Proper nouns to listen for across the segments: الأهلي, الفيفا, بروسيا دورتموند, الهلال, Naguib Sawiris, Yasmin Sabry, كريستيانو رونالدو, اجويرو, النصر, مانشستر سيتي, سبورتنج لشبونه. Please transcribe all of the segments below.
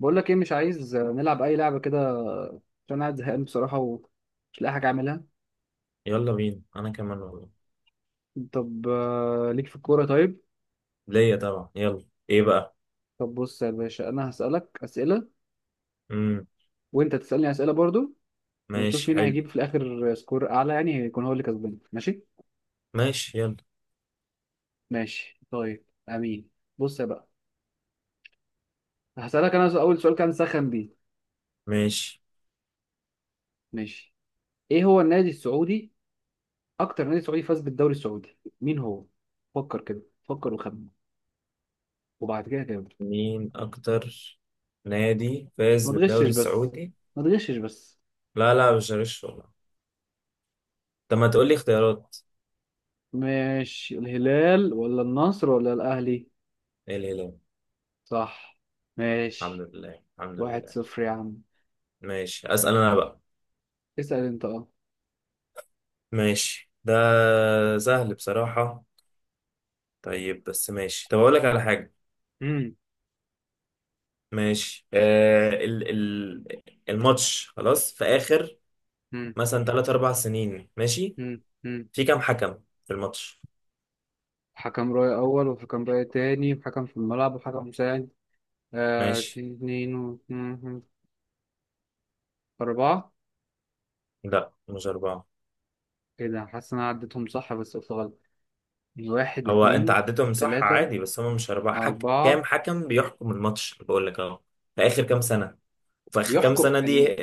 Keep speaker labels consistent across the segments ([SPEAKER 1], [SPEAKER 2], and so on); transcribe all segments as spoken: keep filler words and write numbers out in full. [SPEAKER 1] بقول لك ايه، مش عايز نلعب اي لعبه كده، عشان قاعد زهقان بصراحه ومش لاقي حاجه اعملها.
[SPEAKER 2] يلا بينا انا كمان والله.
[SPEAKER 1] طب آه، ليك في الكوره؟ طيب.
[SPEAKER 2] ليا طبعا يلا. ايه بقى؟
[SPEAKER 1] طب بص يا باشا، انا هسالك اسئله،
[SPEAKER 2] امم
[SPEAKER 1] وانت تسالني اسئله برضو، ونشوف
[SPEAKER 2] ماشي
[SPEAKER 1] مين
[SPEAKER 2] حلو.
[SPEAKER 1] هيجيب في الاخر سكور اعلى، يعني هيكون هو اللي كسبان. ماشي.
[SPEAKER 2] ماشي يلا.
[SPEAKER 1] ماشي طيب، امين. بص يا بقى، هسالك انا. اول سؤال كان سخن بيه.
[SPEAKER 2] ماشي.
[SPEAKER 1] ماشي. ايه هو النادي السعودي، اكتر نادي سعودي فاز بالدوري السعودي؟ مين هو؟ فكر كده، فكر وخمن، وبعد كده كده.
[SPEAKER 2] مين اكتر نادي
[SPEAKER 1] بس
[SPEAKER 2] فاز
[SPEAKER 1] ما
[SPEAKER 2] بالدوري
[SPEAKER 1] تغشش بس
[SPEAKER 2] السعودي؟
[SPEAKER 1] ما تغشش بس.
[SPEAKER 2] لا لا مش هغش والله. طب ما تقول لي اختيارات.
[SPEAKER 1] ماشي، الهلال ولا النصر ولا الأهلي؟
[SPEAKER 2] ايه الهلال.
[SPEAKER 1] صح.
[SPEAKER 2] الحمد
[SPEAKER 1] ماشي.
[SPEAKER 2] لله الحمد
[SPEAKER 1] واحد
[SPEAKER 2] لله.
[SPEAKER 1] صفر يا عم.
[SPEAKER 2] ماشي اسال انا بقى.
[SPEAKER 1] اسأل انت، اه.
[SPEAKER 2] ماشي ده سهل بصراحة. طيب بس ماشي، طب اقول لك على حاجة.
[SPEAKER 1] مم.
[SPEAKER 2] ماشي، آه ال ال الماتش خلاص في اخر
[SPEAKER 1] مم.
[SPEAKER 2] مثلا ثلاثة اربعة سنين، ماشي؟
[SPEAKER 1] مم. مم.
[SPEAKER 2] في كام حكم في الماتش؟
[SPEAKER 1] حكم رأي أول، وحكم رأي تاني، وحكم في الملعب، وحكم مساعد. آه،
[SPEAKER 2] ماشي.
[SPEAKER 1] اتنين و... مم، مم. أربعة.
[SPEAKER 2] لا مش أربعة.
[SPEAKER 1] ايه ده؟ حاسس إن أنا عديتهم صح بس قلت غلط. واحد،
[SPEAKER 2] هو أنت
[SPEAKER 1] اتنين،
[SPEAKER 2] عديتهم صح
[SPEAKER 1] تلاتة،
[SPEAKER 2] عادي، بس هم مش أربعة. حك... كام
[SPEAKER 1] أربعة.
[SPEAKER 2] حكم بيحكم الماتش اللي بقول لك أهو في آخر كام سنة؟ وفي آخر كام
[SPEAKER 1] بيحكم
[SPEAKER 2] سنة دي
[SPEAKER 1] يعني.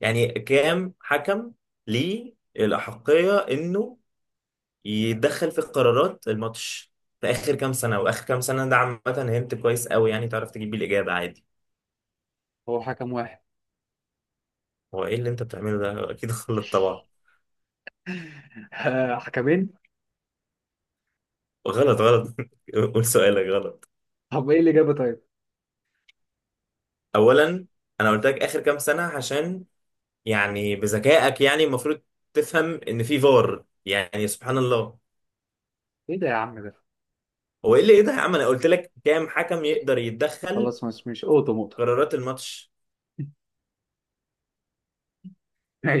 [SPEAKER 2] يعني كام حكم ليه الأحقية إنه يتدخل في قرارات الماتش في آخر كام سنة؟ وآخر كام سنة ده عامة هنت كويس قوي، يعني تعرف تجيب بيه الإجابة عادي.
[SPEAKER 1] هو حكم واحد.
[SPEAKER 2] هو إيه اللي أنت بتعمله ده؟ أكيد غلط طبعا.
[SPEAKER 1] حكمين.
[SPEAKER 2] غلط غلط. قول سؤالك غلط.
[SPEAKER 1] طب ايه الإجابة طيب؟
[SPEAKER 2] اولا انا قلت لك اخر كام سنه، عشان يعني بذكائك يعني المفروض تفهم ان في فار، يعني سبحان الله.
[SPEAKER 1] ايه ده يا عم ده؟
[SPEAKER 2] هو ايه اللي ايه ده يا عم؟ انا قلت لك كام حكم يقدر يتدخل
[SPEAKER 1] خلاص، مش مش أوضة موضة.
[SPEAKER 2] قرارات الماتش.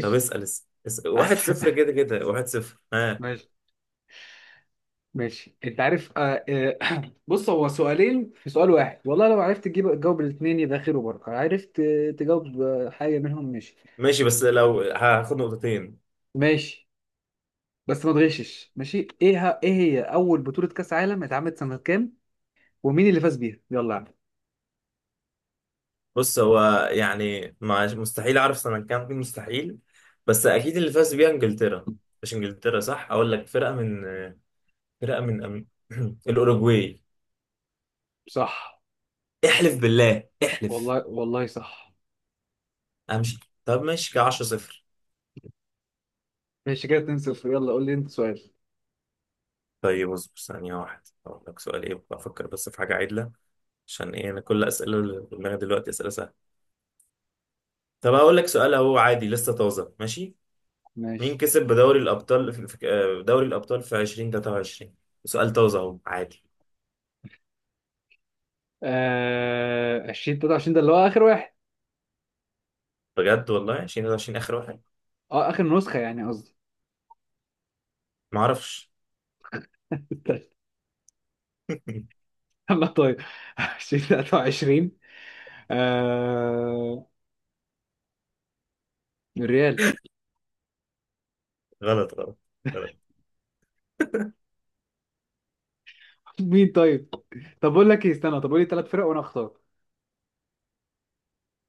[SPEAKER 2] طب اسال اسال اسأل. واحد
[SPEAKER 1] أحسن.
[SPEAKER 2] صفر كده كده. واحد صفر ها.
[SPEAKER 1] ماشي. ماشي، انت عارف. آه آه بص، هو سؤالين في سؤال واحد. والله لو عرفت تجيب تجاوب الاثنين يبقى خير وبركه. عرفت آه، تجاوب آه، حاجه منهم. ماشي.
[SPEAKER 2] ماشي بس لو هاخد نقطتين.
[SPEAKER 1] ماشي، بس ما تغشش. ماشي. ايه ه- ايه هي اول بطوله كاس عالم اتعملت سنه كام؟ ومين اللي فاز بيها؟ يلا يا عم.
[SPEAKER 2] بص هو يعني مع- مستحيل اعرف سنه كام، مستحيل. بس اكيد اللي فاز بيها انجلترا. مش انجلترا. صح اقول لك فرقه من فرقه من أم- الاوروجواي.
[SPEAKER 1] صح.
[SPEAKER 2] احلف بالله احلف.
[SPEAKER 1] والله والله صح.
[SPEAKER 2] امشي. طب ماشي كده عشرة صفر.
[SPEAKER 1] ماشي كده اتنين صفر. يلا قول لي انت سؤال.
[SPEAKER 2] طيب اصبر ثانية واحدة اقول لك سؤال، ايه بفكر افكر بس في حاجة عدلة. عشان ايه انا كل اسئلة اللي في دماغي دلوقتي اسئلة سهلة. طب اقول لك سؤال اهو عادي لسه طازة، ماشي؟ مين
[SPEAKER 1] ماشي.
[SPEAKER 2] كسب بدوري الابطال في في- آه، دوري الابطال في ألفين وثلاثة وعشرين؟ سؤال طازة اهو عادي.
[SPEAKER 1] آه، عشرين تلاتة وعشرين، ده اللي هو اخر واحد.
[SPEAKER 2] بجد والله ألفين وثلاثة وعشرين اخر واحد.
[SPEAKER 1] اه، اخر نسخه يعني قصدي.
[SPEAKER 2] ما اعرفش.
[SPEAKER 1] يلا طيب. الفين وتلاتة وعشرين. آه... الريال.
[SPEAKER 2] غلط غلط غلط.
[SPEAKER 1] مين طيب؟ طب اقول لك ايه، استنى. طب قول لي ثلاث فرق وانا اختار.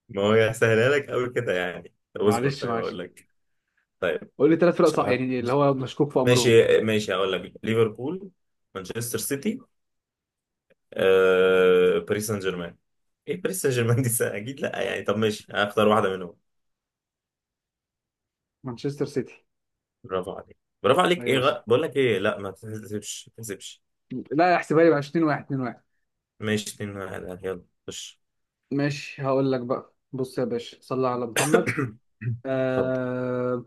[SPEAKER 2] ما هو هسهلها لك قوي كده يعني، طب اصبر
[SPEAKER 1] معلش،
[SPEAKER 2] طيب
[SPEAKER 1] معلش.
[SPEAKER 2] اقول لك. طيب
[SPEAKER 1] قول لي ثلاث فرق
[SPEAKER 2] مش
[SPEAKER 1] صح،
[SPEAKER 2] هحط.
[SPEAKER 1] يعني اللي هو مشكوك في امرهم.
[SPEAKER 2] ماشي. ماشي هقول لك ليفربول، مانشستر سيتي، آه، باريس سان جيرمان. ايه باريس سان جيرمان دي؟ سنة؟ اكيد لا يعني، طب ماشي هختار واحده منهم.
[SPEAKER 1] مانشستر سيتي.
[SPEAKER 2] برافو عليك. برافو عليك. ايه
[SPEAKER 1] ايوه، صح.
[SPEAKER 2] غ... بقول لك ايه، لا ما تحسبش ما تحسبش.
[SPEAKER 1] لا، احسبها لي بقى، اتنين واحد، اتنين واحد.
[SPEAKER 2] ماشي اتنين واحد يلا خش.
[SPEAKER 1] ماشي. هقول لك بقى، بص يا باشا، صلى على محمد.
[SPEAKER 2] اتفضل.
[SPEAKER 1] آه...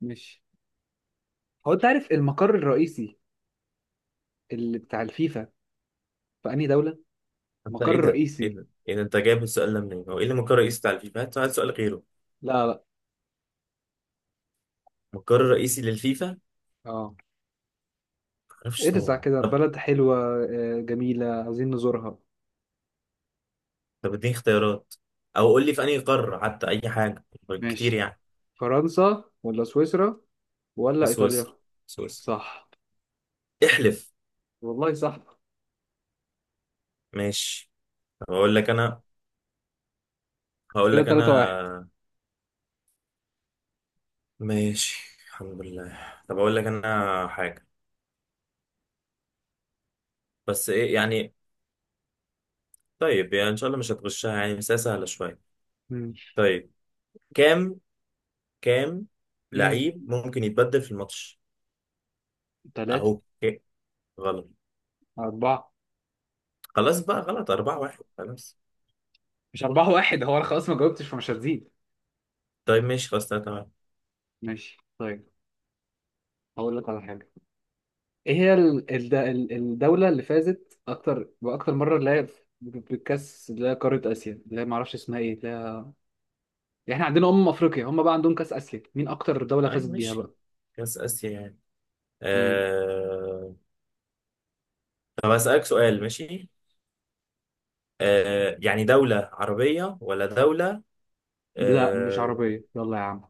[SPEAKER 1] ماشي. هو انت عارف المقر الرئيسي اللي بتاع الفيفا في انهي دولة؟
[SPEAKER 2] انت
[SPEAKER 1] المقر
[SPEAKER 2] ايه ده ايه
[SPEAKER 1] الرئيسي.
[SPEAKER 2] ده ايه ده؟ انت جايب السؤال ده منين؟ هو ايه اللي مقر رئيسي بتاع الفيفا؟ هات هات سؤال غيره.
[SPEAKER 1] لا لا.
[SPEAKER 2] مقر رئيسي للفيفا ما
[SPEAKER 1] اه،
[SPEAKER 2] اعرفش
[SPEAKER 1] ارزع
[SPEAKER 2] طبعا.
[SPEAKER 1] كده
[SPEAKER 2] طب
[SPEAKER 1] بلد حلوة، آه، جميلة، عايزين نزورها.
[SPEAKER 2] طب اديني اختيارات، او قول لي في انهي قاره حتى، اي حاجه كتير
[SPEAKER 1] ماشي.
[SPEAKER 2] يعني.
[SPEAKER 1] فرنسا ولا سويسرا
[SPEAKER 2] في
[SPEAKER 1] ولا إيطاليا؟
[SPEAKER 2] سويسرا. سويسرا.
[SPEAKER 1] صح.
[SPEAKER 2] احلف.
[SPEAKER 1] والله صح.
[SPEAKER 2] ماشي. طب اقول لك انا. هقول
[SPEAKER 1] كده
[SPEAKER 2] لك
[SPEAKER 1] تلاتة واحد.
[SPEAKER 2] انا. ماشي الحمد لله. طب اقول لك انا حاجة، بس ايه يعني. طيب يعني ان شاء الله مش هتغشها يعني، بس هي سهلة شوية.
[SPEAKER 1] مم.
[SPEAKER 2] طيب. كام كام
[SPEAKER 1] مم.
[SPEAKER 2] لعيب ممكن يتبدل في الماتش؟
[SPEAKER 1] تلاتة.
[SPEAKER 2] اهو إيه؟ غلط.
[SPEAKER 1] أربعة.
[SPEAKER 2] خلاص بقى غلط. أربعة واحد خلاص.
[SPEAKER 1] مش أربعة واحد، هو أنا خلاص ما جاوبتش فمش هتزيد.
[SPEAKER 2] طيب ماشي خلاص تلاتة واحد.
[SPEAKER 1] ماشي طيب. هقول لك على حاجة. إيه هي ال- الد- ال- الدولة اللي فازت أكتر بأكتر مرة اللي هي في- بالكأس اللي هي قارة آسيا، اللي هي معرفش اسمها إيه، اللي هي... يعني إحنا عندنا أمم أفريقيا، هم بقى عندهم كأس آسيا، مين أكتر دولة
[SPEAKER 2] اي
[SPEAKER 1] فازت بيها
[SPEAKER 2] ماشي
[SPEAKER 1] بقى؟
[SPEAKER 2] كاس اسيا يعني. آه... طب هسألك سؤال ماشي. آه... يعني دولة عربية ولا دولة؟
[SPEAKER 1] لا، مش
[SPEAKER 2] اه،
[SPEAKER 1] عربية، يلا يا عم.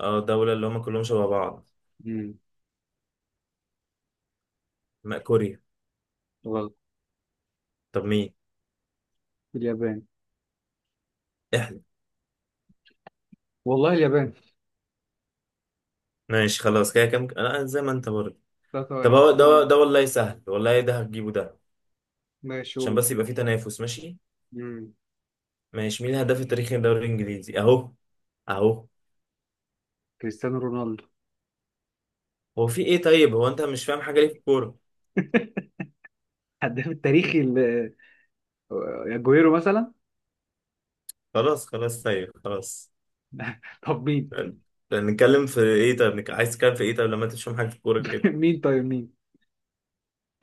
[SPEAKER 2] آه، دولة اللي هم كلهم شبه بعض.
[SPEAKER 1] امم
[SPEAKER 2] ما كوريا.
[SPEAKER 1] غلط.
[SPEAKER 2] طب مين؟
[SPEAKER 1] اليابان.
[SPEAKER 2] احنا.
[SPEAKER 1] والله اليابان.
[SPEAKER 2] ماشي خلاص كده، كم انا زي ما انت برضه.
[SPEAKER 1] تلاتة
[SPEAKER 2] طب
[SPEAKER 1] واحد،
[SPEAKER 2] هو
[SPEAKER 1] قول
[SPEAKER 2] ده
[SPEAKER 1] لي.
[SPEAKER 2] ده والله سهل، والله ده هتجيبه ده.
[SPEAKER 1] ماشي،
[SPEAKER 2] عشان
[SPEAKER 1] قول.
[SPEAKER 2] بس يبقى في تنافس، ماشي؟
[SPEAKER 1] امم
[SPEAKER 2] ماشي، مين الهداف التاريخي للدوري الانجليزي اهو اهو؟
[SPEAKER 1] كريستيانو رونالدو.
[SPEAKER 2] هو في ايه؟ طيب هو انت مش فاهم حاجة ليه في الكورة؟
[SPEAKER 1] هداف التاريخي ل- اجويرو مثلا.
[SPEAKER 2] خلاص خلاص طيب خلاص.
[SPEAKER 1] طب مين؟
[SPEAKER 2] طيب، نتكلم في ايه؟ طب عايز تتكلم في ايه؟ طب لما انت مش فاهم حاجة في الكورة كده.
[SPEAKER 1] مين طيب؟ مين؟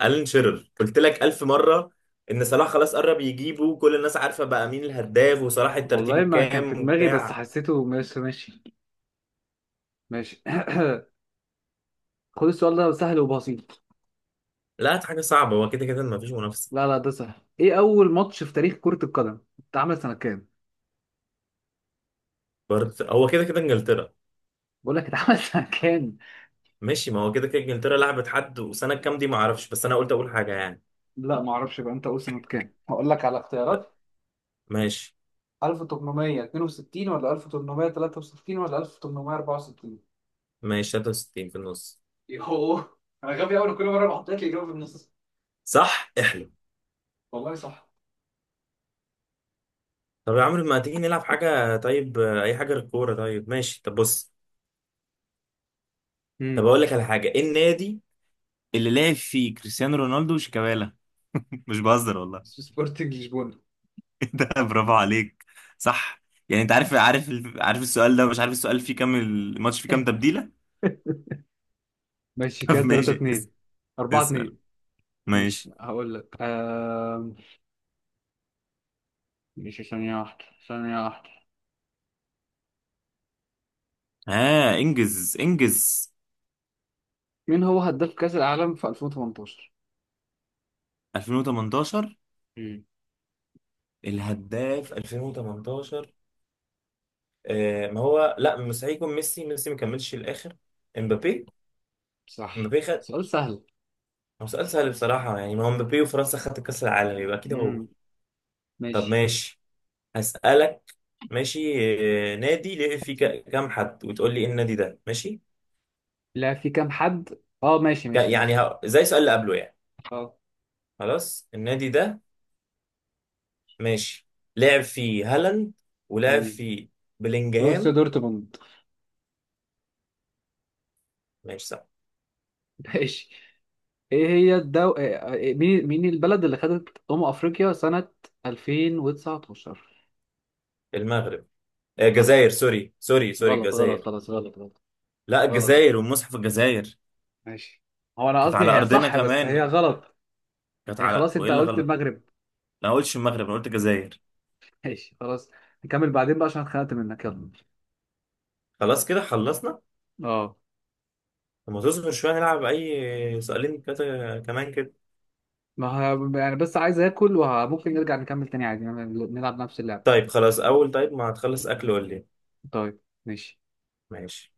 [SPEAKER 2] الان شيرر قلت لك ألف مرة. إن صلاح خلاص قرب يجيبه، كل الناس عارفة بقى مين الهداف، وصلاح الترتيب
[SPEAKER 1] والله ما كان في
[SPEAKER 2] الكام
[SPEAKER 1] دماغي بس
[SPEAKER 2] وبتاع.
[SPEAKER 1] حسيته. ماشي. ماشي ماشي. خد السؤال ده سهل وبسيط.
[SPEAKER 2] لا دي حاجة صعبة، هو كده كده مفيش منافسة.
[SPEAKER 1] لا لا، ده سهل. ايه اول ماتش في تاريخ كرة القدم اتعمل سنة كام؟
[SPEAKER 2] برضه هو كده كده إنجلترا.
[SPEAKER 1] بقول لك اتعمل سنة كام.
[SPEAKER 2] ماشي ما هو كده كده إنجلترا لعبت حد، وسنة كام دي معرفش، بس أنا قلت أقول حاجة يعني.
[SPEAKER 1] لا، ما اعرفش بقى. انت قول سنة كام، هقول لك على اختيارات.
[SPEAKER 2] ماشي.
[SPEAKER 1] ألف وثمانمائة واثنين وستين ولا ألف وتمنمية وتلاتة وستين ولا ألف وتمنمية وأربعة وستين؟
[SPEAKER 2] ماشي تلاتة وستين في النص.
[SPEAKER 1] يوه. انا غبي قوي، كل مره بحط لك الاجابه في النص.
[SPEAKER 2] صح احلم.
[SPEAKER 1] والله صح.
[SPEAKER 2] طب يا عمرو ما تيجي نلعب حاجة طيب، آه، أي حاجة غير الكورة. طيب ماشي، طب بص. طب
[SPEAKER 1] امم
[SPEAKER 2] أقول لك على حاجة. إيه النادي اللي لعب فيه كريستيانو رونالدو وشيكابالا؟ مش بهزر والله.
[SPEAKER 1] اسمه سبورتنج لشبونه.
[SPEAKER 2] ده برافو عليك. صح. يعني انت عارف عارف ال- عارف السؤال ده. مش عارف السؤال فيه كام، الماتش فيه كام تبديلة.
[SPEAKER 1] ماشي كده
[SPEAKER 2] طب
[SPEAKER 1] تلاتة
[SPEAKER 2] ماشي اس-
[SPEAKER 1] اتنين. أربعة
[SPEAKER 2] اسأل
[SPEAKER 1] اتنين. ماشي.
[SPEAKER 2] ماشي.
[SPEAKER 1] هقول لك آم، ماشي. ثانية واحدة، ثانية واحدة.
[SPEAKER 2] ها انجز انجز.
[SPEAKER 1] مين هو هداف كأس العالم في الفين وتمنتاشر؟
[SPEAKER 2] ألفين وثمانية عشر.
[SPEAKER 1] امم
[SPEAKER 2] الهداف ألفين وثمنتاشر. آه ما هو لا مستحيل يكون ميسي. ميسي ما كملش الاخر. امبابي.
[SPEAKER 1] صح.
[SPEAKER 2] امبابي خد.
[SPEAKER 1] سؤال سهل.
[SPEAKER 2] هو سؤال سهل بصراحة يعني، ما هو امبابي وفرنسا خدت كأس العالم يبقى اكيد هو.
[SPEAKER 1] امم
[SPEAKER 2] طب
[SPEAKER 1] ماشي.
[SPEAKER 2] ماشي. هسألك ماشي، آه، نادي ليه فيه ك- كام حد، وتقول لي ايه النادي ده ماشي.
[SPEAKER 1] لا، في كام حد. اه، ماشي
[SPEAKER 2] كان
[SPEAKER 1] ماشي
[SPEAKER 2] يعني
[SPEAKER 1] ماشي.
[SPEAKER 2] ه- زي السؤال اللي قبله يعني.
[SPEAKER 1] اه.
[SPEAKER 2] خلاص النادي ده ماشي. لعب فيه هالاند، ولعب
[SPEAKER 1] امم
[SPEAKER 2] فيه
[SPEAKER 1] بروسيا
[SPEAKER 2] بلينجهام.
[SPEAKER 1] دورتموند.
[SPEAKER 2] ماشي صح.
[SPEAKER 1] ماشي. ايه هي الدو... إيه- إيه- مين مين البلد اللي خدت أمم أفريقيا سنة ألفين وتسعة عشر؟
[SPEAKER 2] المغرب، آه،
[SPEAKER 1] غلط،
[SPEAKER 2] الجزائر سوري سوري سوري
[SPEAKER 1] غلط غلط.
[SPEAKER 2] الجزائر.
[SPEAKER 1] خلاص، غلط غلط
[SPEAKER 2] لا
[SPEAKER 1] غلط.
[SPEAKER 2] الجزائر والمصحف الجزائر.
[SPEAKER 1] ماشي. هو أنا
[SPEAKER 2] كانت على
[SPEAKER 1] قصدي هي
[SPEAKER 2] ارضنا
[SPEAKER 1] صح بس هي
[SPEAKER 2] كمان.
[SPEAKER 1] غلط.
[SPEAKER 2] كانت
[SPEAKER 1] يعني
[SPEAKER 2] على،
[SPEAKER 1] خلاص،
[SPEAKER 2] وايه
[SPEAKER 1] أنت
[SPEAKER 2] اللي
[SPEAKER 1] قلت
[SPEAKER 2] غلط؟
[SPEAKER 1] المغرب.
[SPEAKER 2] انا ما قلتش المغرب انا قلت الجزائر.
[SPEAKER 1] ماشي خلاص. نكمل بعدين بقى عشان اتخنقت منك. يلا.
[SPEAKER 2] خلاص كده خلصنا.
[SPEAKER 1] اه.
[SPEAKER 2] لما تصبر شويه نلعب اي سؤالين كده كمان كده.
[SPEAKER 1] ما ه... يعني بس عايز آكل، وممكن نرجع نكمل تاني عادي، يعني نلعب نفس اللعبة.
[SPEAKER 2] طيب خلاص اول، طيب ما هتخلص اكل ولا ايه.
[SPEAKER 1] طيب ماشي.
[SPEAKER 2] ماشي.